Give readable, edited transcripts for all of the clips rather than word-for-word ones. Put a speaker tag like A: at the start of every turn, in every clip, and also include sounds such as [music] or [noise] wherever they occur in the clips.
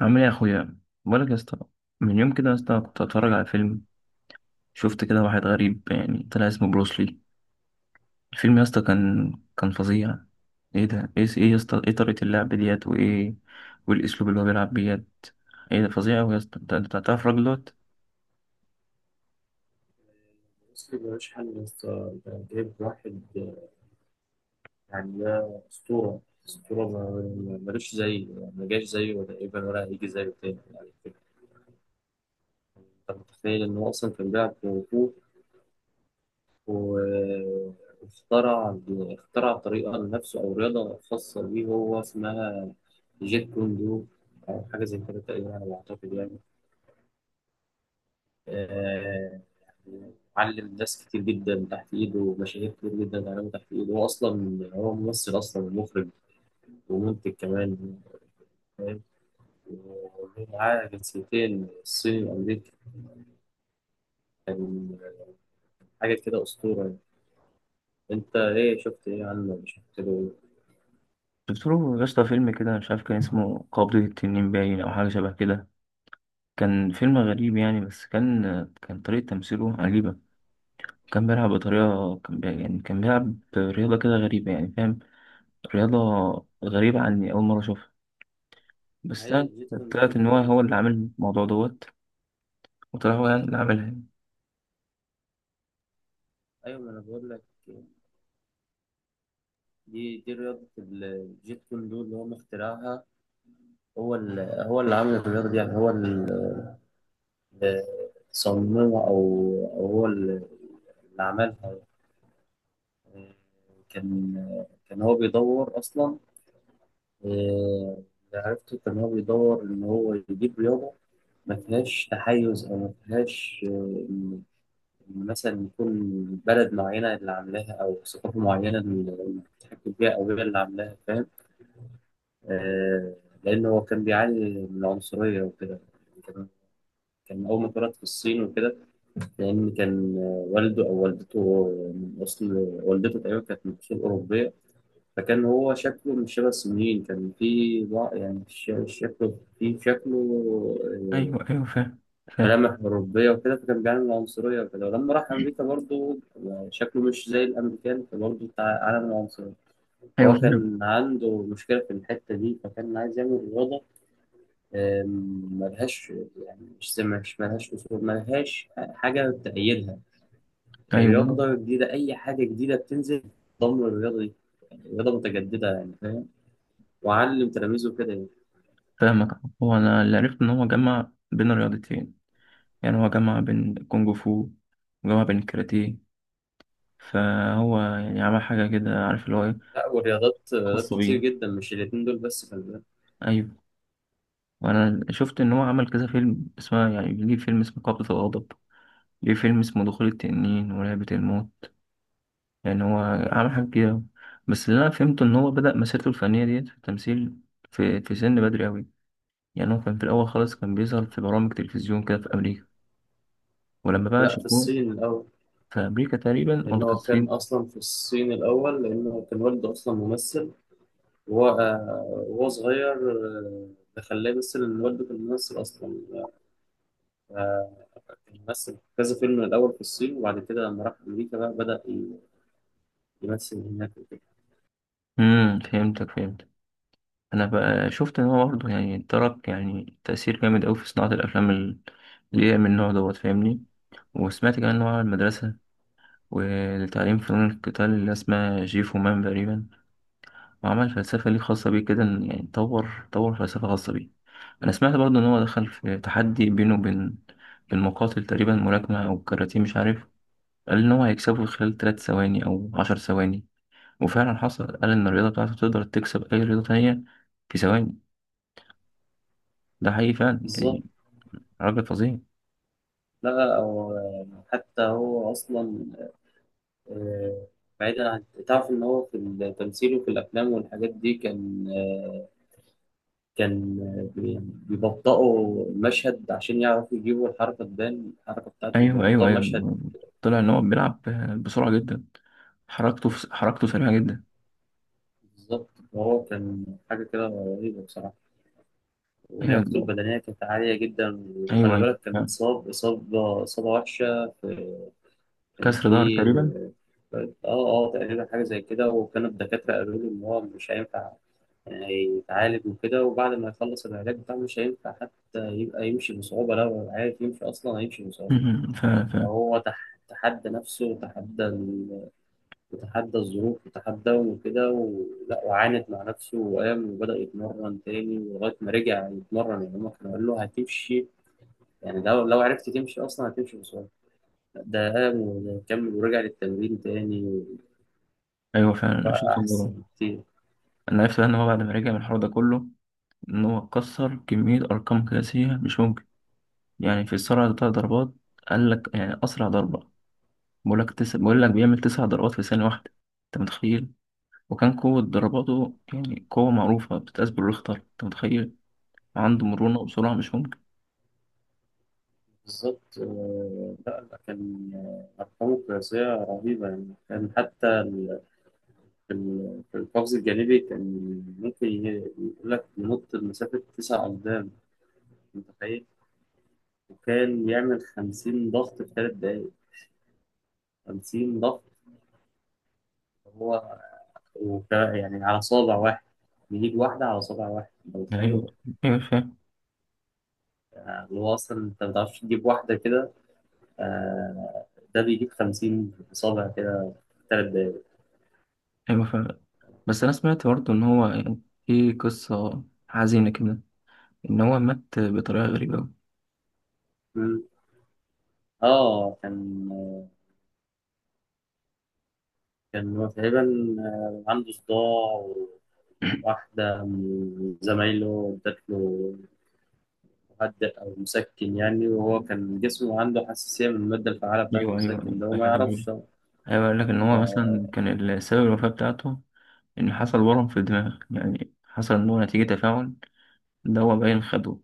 A: عامل ايه يا اخويا؟ بقولك يا اسطى، من يوم كده يا اسطى كنت اتفرج على فيلم. شفت كده واحد غريب يعني، طلع اسمه بروسلي. الفيلم يا اسطى كان فظيع. ايه ده، ايه يا اسطى، ايه طريقة اللعب ديت وايه والاسلوب اللي هو بيلعب بيت؟ ايه ده فظيع اوي يا اسطى، انت تعرف الراجل دوت؟
B: بس يبقى شحن يا اسطى، ده جايب واحد يعني ده أسطورة. أسطورة ملوش زيه، يعني ما جاش زيه ولا إيه ولا هيجي زيه تاني يعني. أنت متخيل إن هو أصلا كان بيلعب كونغ فو و- واخترع طريقة لنفسه أو رياضة خاصة بيه، هو اسمها جيت كوندو، أو حاجة زي كده تقريبا على ما أعتقد يعني. آه، يعني علم ناس كتير جدا تحت إيده، ومشاهير كتير جدا اتعلموا تحت إيده. هو أصلا هو ممثل أصلا ومخرج ومنتج كمان، فاهم؟ ومعاه جنسيتين، الصيني وأمريكي. كان حاجة كده أسطورة يعني. أنت إيه شفت إيه عنه، ولا شفت له؟
A: شفت له يا اسطى فيلم كده، مش عارف كان اسمه قبضة التنين باين او حاجة شبه كده. كان فيلم غريب يعني، بس كان طريقة تمثيله عجيبة. كان بيلعب بطريقة، يعني كان بيلعب رياضة كده غريبة يعني، فاهم؟ رياضة غريبة عني، أول مرة أشوفها.
B: إيه؟
A: بس
B: هي
A: طلعت،
B: الجيت كوندو
A: طلعت إن
B: اللي
A: هو
B: هو
A: هو اللي
B: مخترع.
A: عامل الموضوع دوت، وطلع هو
B: مم.
A: يعني اللي عاملها يعني.
B: أيوة، ما أنا بقول لك. دي رياضة الجيت كوندو اللي هو مخترعها، هو اللي عامل الرياضة دي، يعني هو اللي صممها، أو هو اللي عملها يعني. كان كان هو بيدور أصلا، اللي عرفته كان هو بيدور إن هو يجيب رياضة ما فيهاش تحيز، أو ما فيهاش إن إن مثلا يكون بلد معينة اللي عاملاها، أو ثقافة معينة اللي بتحكم فيها، أو هي اللي عاملاها، فاهم؟ آه، لأن هو كان بيعاني من العنصرية وكده. كان كان أول ما اتولد في الصين وكده، لأن كان والده أو والدته من أصل، والدته تقريبا كانت من أصول أوروبية. فكان هو شكله مش شبه الصينيين، كان فيه يعني شكله فيه شكله آه،
A: أيوه أيوه، فاهم فاهم.
B: ملامح أوروبية وكده. فكان بيعمل عنصرية وكده، ولما راح أمريكا برضه شكله مش زي الأمريكان، فبرضه بتاع عالم العنصرية.
A: أيوه
B: فهو
A: فاهم.
B: كان عنده مشكلة في الحتة دي، فكان عايز يعمل رياضة ملهاش، يعني مش ملهاش أصول، ملهاش حاجة تأيدها.
A: أيوه
B: الرياضة جديدة، أي حاجة جديدة بتنزل ضمن الرياضة دي، يعني رياضة متجددة يعني، فاهم؟ وعلم تلاميذه كده يعني.
A: فاهمك. هو أنا اللي عرفت إن هو جمع بين الرياضتين، يعني هو جمع بين الكونج فو وجمع بين الكاراتيه، فهو يعني عمل حاجة كده، عارف اللي هو إيه،
B: لا، ورياضات رياضات
A: خاصة
B: كتير
A: بيه.
B: جدا، مش الاتنين دول بس، خلي بالك.
A: أيوه، وأنا شفت إن هو عمل كذا فيلم اسمه، يعني ليه فيلم اسمه قبضة الغضب، ليه فيلم اسمه دخول التنين ولعبة الموت. يعني هو عمل حاجات كتير أوي. بس اللي أنا فهمته إن هو بدأ مسيرته الفنية ديت في التمثيل في سن بدري أوي. يعني هو كان في الأول خالص كان بيظهر في برامج تلفزيون كده في أمريكا، ولما بقى
B: لا، في
A: شافوه،
B: الصين الأول،
A: في أمريكا تقريبا
B: لأن
A: ولا في
B: هو كان
A: الصين؟
B: أصلا في الصين الأول، لأن هو كان والده أصلا ممثل. وهو وهو صغير، ده خلاه يمثل، إن والده كان ممثل أصلا. آه، كان ممثل في كذا فيلم الأول في الصين، وبعد كده لما راح أمريكا بقى بدأ يمثل هناك وكده.
A: امم، فهمتك فهمتك. أنا بقى شفت إن هو برضه يعني ترك يعني تأثير جامد أوي في صناعة الأفلام اللي هي من النوع دوت، فاهمني؟ وسمعت كمان إن هو على المدرسة ولتعليم فنون القتال اللي اسمها جيفو مان تقريبا، وعمل فلسفة ليه خاصة بيه كده، يعني طور فلسفة خاصة بيه. أنا سمعت برضه إن هو دخل في تحدي بينه وبين، بين مقاتل تقريبا ملاكمة أو كاراتيه مش عارف، قال إن هو هيكسبه خلال تلات ثواني أو عشر ثواني، وفعلا حصل. قال إن الرياضة بتاعته تقدر تكسب أي رياضة تانية في ثواني. ده حقيقي فعلا يعني،
B: بالظبط.
A: راجل فظيع.
B: لا أو حتى هو أصلا آه، بعيدا عن تعرف إن هو في التمثيل وفي الأفلام والحاجات دي، كان كان بيبطئوا المشهد عشان يعرفوا يجيبوا الحركة، تبان الحركة بتاعته،
A: أيوه أيوه
B: بيبطئوا المشهد.
A: أيوه، طلع إن هو بيلعب بسرعة جدا. حركته سريعة جدا.
B: بالظبط، وهو كان حاجة كده رهيبة بصراحة. ولياقته
A: أيوه
B: البدنية كانت عالية جدا.
A: أيوه
B: وخلي
A: أيوه،
B: بالك، كان اتصاب إصابة وحشة في، كان
A: كسر ظهر
B: في
A: تقريبا.
B: اه تقريبا حاجة زي كده. وكان الدكاترة قالوا له إن هو مش هينفع، يعني هيتعالج وكده، وبعد ما يخلص العلاج بتاعه مش هينفع حتى يبقى يمشي بصعوبة، لو عارف يمشي أصلا، هيمشي بصعوبة.
A: [laughs] ف... ف...
B: هو تحدى نفسه، وتحدى وتحدى الظروف، وتحدى وكده، ولا وعاند مع نفسه، وقام وبدأ يتمرن تاني لغاية ما رجع يتمرن. يعني هما كانوا قالوا له هتمشي، يعني لو عرفت تمشي أصلا هتمشي بسرعة. ده قام وكمل، ورجع للتمرين تاني،
A: ايوه فعلا، انا
B: وبقى
A: شفت الموضوع.
B: أحسن كتير.
A: انا عرفت بقى ان هو بعد ما رجع من الحوار ده كله، ان هو كسر كميه ارقام قياسيه مش ممكن، يعني في السرعه بتاع ضربات. قال لك يعني اسرع ضربه، بقول لك بيعمل تسع ضربات في ثانيه واحده، انت متخيل؟ وكان قوه ضرباته، يعني قوه معروفه بتتقاس بالريختر، انت متخيل؟ عنده
B: مم.
A: مرونه وسرعه مش ممكن.
B: بالظبط. لا لا، أرقامه قياسية رهيبة يعني. كان حتى في في القفز الجانبي، كان ممكن يقول لك ينط لمسافة 9 أقدام، متخيل؟ وكان يعمل 50 ضغط في 3 دقايق، 50 ضغط، هو يعني على صابع واحد، بيجيب واحدة على صابع واحد، أنت متخيل؟
A: ايوه ايوه فاهم.
B: اللي هو أصلا أنت ما بتعرفش تجيب واحدة كده، آه، ده بيجيب 50 صابع كده في 3 دقايق.
A: ايوه فاهم. بس انا سمعت برضه ان هو يعني في قصه حزينه كده، ان هو مات بطريقه غريبه أوي.
B: مم. آه، كان هو تقريبا عنده صداع. واحدة من زمايله ادت له مهدئ أو مسكن يعني، وهو كان جسمه عنده حساسية من المادة الفعالة بتاعة
A: ايوه ايوه ايوه،
B: المسكن ده وما
A: أيوة، أيوة.
B: يعرفش.
A: أيوة، بيقول لك إن هو
B: آه،
A: مثلا كان السبب الوفاة بتاعته إن حصل ورم في الدماغ، يعني حصل إن هو نتيجة تفاعل دواء باين خده.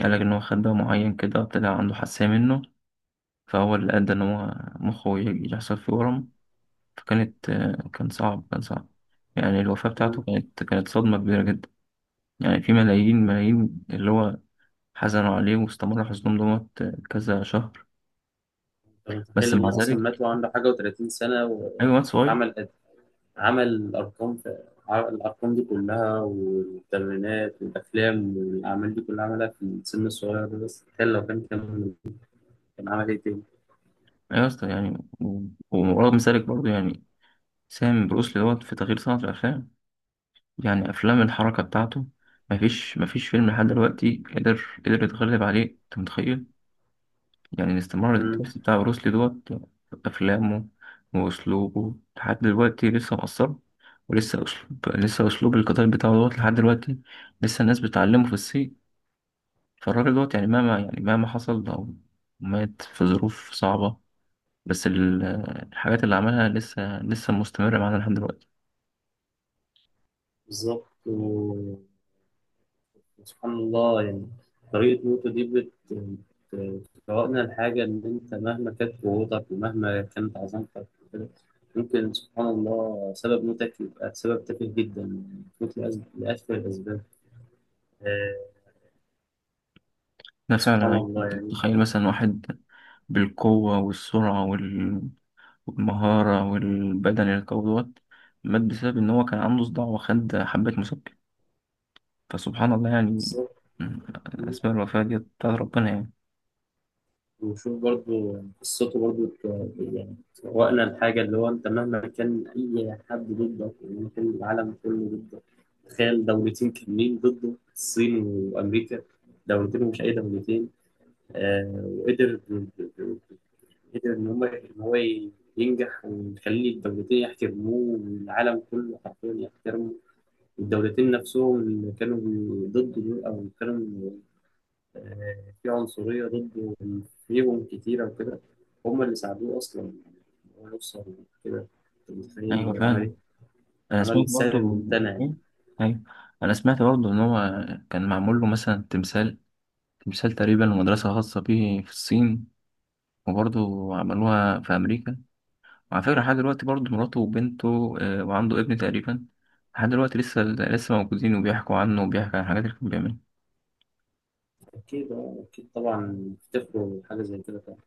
A: قال لك إن هو خد دواء معين كده طلع عنده حساسية منه، فهو اللي أدى إن هو مخه يحصل فيه ورم. فكانت آه، كان صعب، كان صعب يعني. الوفاة بتاعته
B: مم.
A: كانت صدمة كبيرة جدا. يعني في ملايين ملايين اللي هو حزنوا عليه، واستمر حزنهم دوت آه، كذا شهر.
B: أنت
A: بس
B: متخيل
A: مع
B: إنه أصلا مات
A: ذلك،
B: وعنده حاجة وتلاتين سنة،
A: أيوة واد
B: وشوف
A: صغير.
B: عمل عمل الأرقام في، عمل الأرقام دي كلها والتمرينات والأفلام والأعمال دي كلها، عملها في السن الصغير ده. بس تخيل لو كان كان عمل إيه تاني.
A: أيوة يا اسطى، يعني ومرغم ذلك برضه يعني سامي بروسلي دوت في تغيير صناعة الأفلام. يعني أفلام الحركة بتاعته، مفيش فيلم لحد دلوقتي قدر يتغلب عليه، أنت متخيل؟ يعني الاستمرار
B: مم.
A: التمثيل بتاع بروسلي دوت في أفلامه وأسلوبه لحد دلوقتي لسه مؤثر. ولسه أسلوب لسه أسلوب القتال بتاعه دوت لحد دلوقتي، لسه الناس بتعلمه في الصين. فالراجل دوت يعني مهما حصل أو مات في ظروف صعبة، بس الحاجات اللي عملها لسه مستمرة معانا لحد دلوقتي.
B: بالظبط، سبحان الله يعني. طريقة نوتو دي بتفوقنا الحاجة، إن أنت مهما كانت قوتك ومهما كانت عظمتك وكده، ممكن سبحان الله سبب موتك يبقى سبب تافه جدا. يعني تموت لأسفل الأسباب. آه،
A: ده فعلا
B: سبحان
A: يعني،
B: الله
A: أنت
B: يعني.
A: بتتخيل مثلا واحد بالقوة والسرعة والمهارة والبدن القوي دوت مات بسبب إن هو كان عنده صداع وخد حبة مسكن؟ فسبحان الله يعني.
B: بالظبط.
A: م- أسباب الوفاة دي بتاعت ربنا يعني.
B: وشوف برضو قصته برضو يعني تفوقنا الحاجة، اللي هو أنت مهما كان أي حد ضدك، ومهما كان العالم كله ضدك. تخيل دولتين كاملين ضده، الصين وأمريكا، دولتين، ومش أي دولتين. آه، وقدر إن هو ينجح، ويخلي الدولتين يحترموه، والعالم كله حرفيا يحترمه. والدولتين نفسهم اللي كانوا ضده دول، أو كانوا في عنصرية ضده فيهم كتيرة وكده، هم اللي ساعدوه أصلا إن هو يوصل كده. أنت متخيل
A: أيوة
B: هو عمل إيه؟
A: فعلا، أنا
B: عمل
A: سمعت
B: السهل
A: برضه.
B: الممتنع يعني.
A: إيه؟ أيوة، أنا سمعت برضه إن هو كان معمول له مثلا تمثال، تقريبا مدرسة خاصة بيه في الصين. وبرضه عملوها في أمريكا. وعلى فكرة لحد دلوقتي برضه مراته وبنته آه، وعنده ابن تقريبا، لحد دلوقتي لسه موجودين وبيحكوا عنه وبيحكوا عن الحاجات اللي كان بيعملها.
B: أكيد أكيد طبعا افتكروا حاجة زي كده طبعا.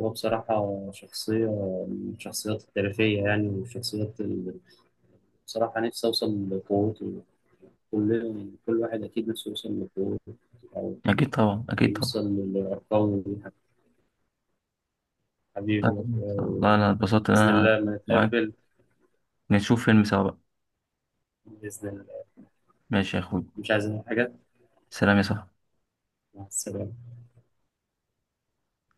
B: هو بصراحة شخصية من الشخصيات التاريخية يعني، والشخصيات اللي بصراحة نفسي أوصل لقوته. كل كل واحد أكيد نفسه يوصل لقوته، أو
A: أكيد طبعا،
B: أو
A: أكيد طبعا.
B: يوصل لأرقامه دي.
A: طيب،
B: حبيبي،
A: والله أنا اتبسطت إن
B: بإذن
A: أنا
B: الله لما
A: معاك
B: نتقابل.
A: نشوف فيلم سوا بقى.
B: بإذن الله.
A: ماشي يا أخوي،
B: مش عايزين حاجة.
A: سلام يا صاحبي.
B: مع السلامة.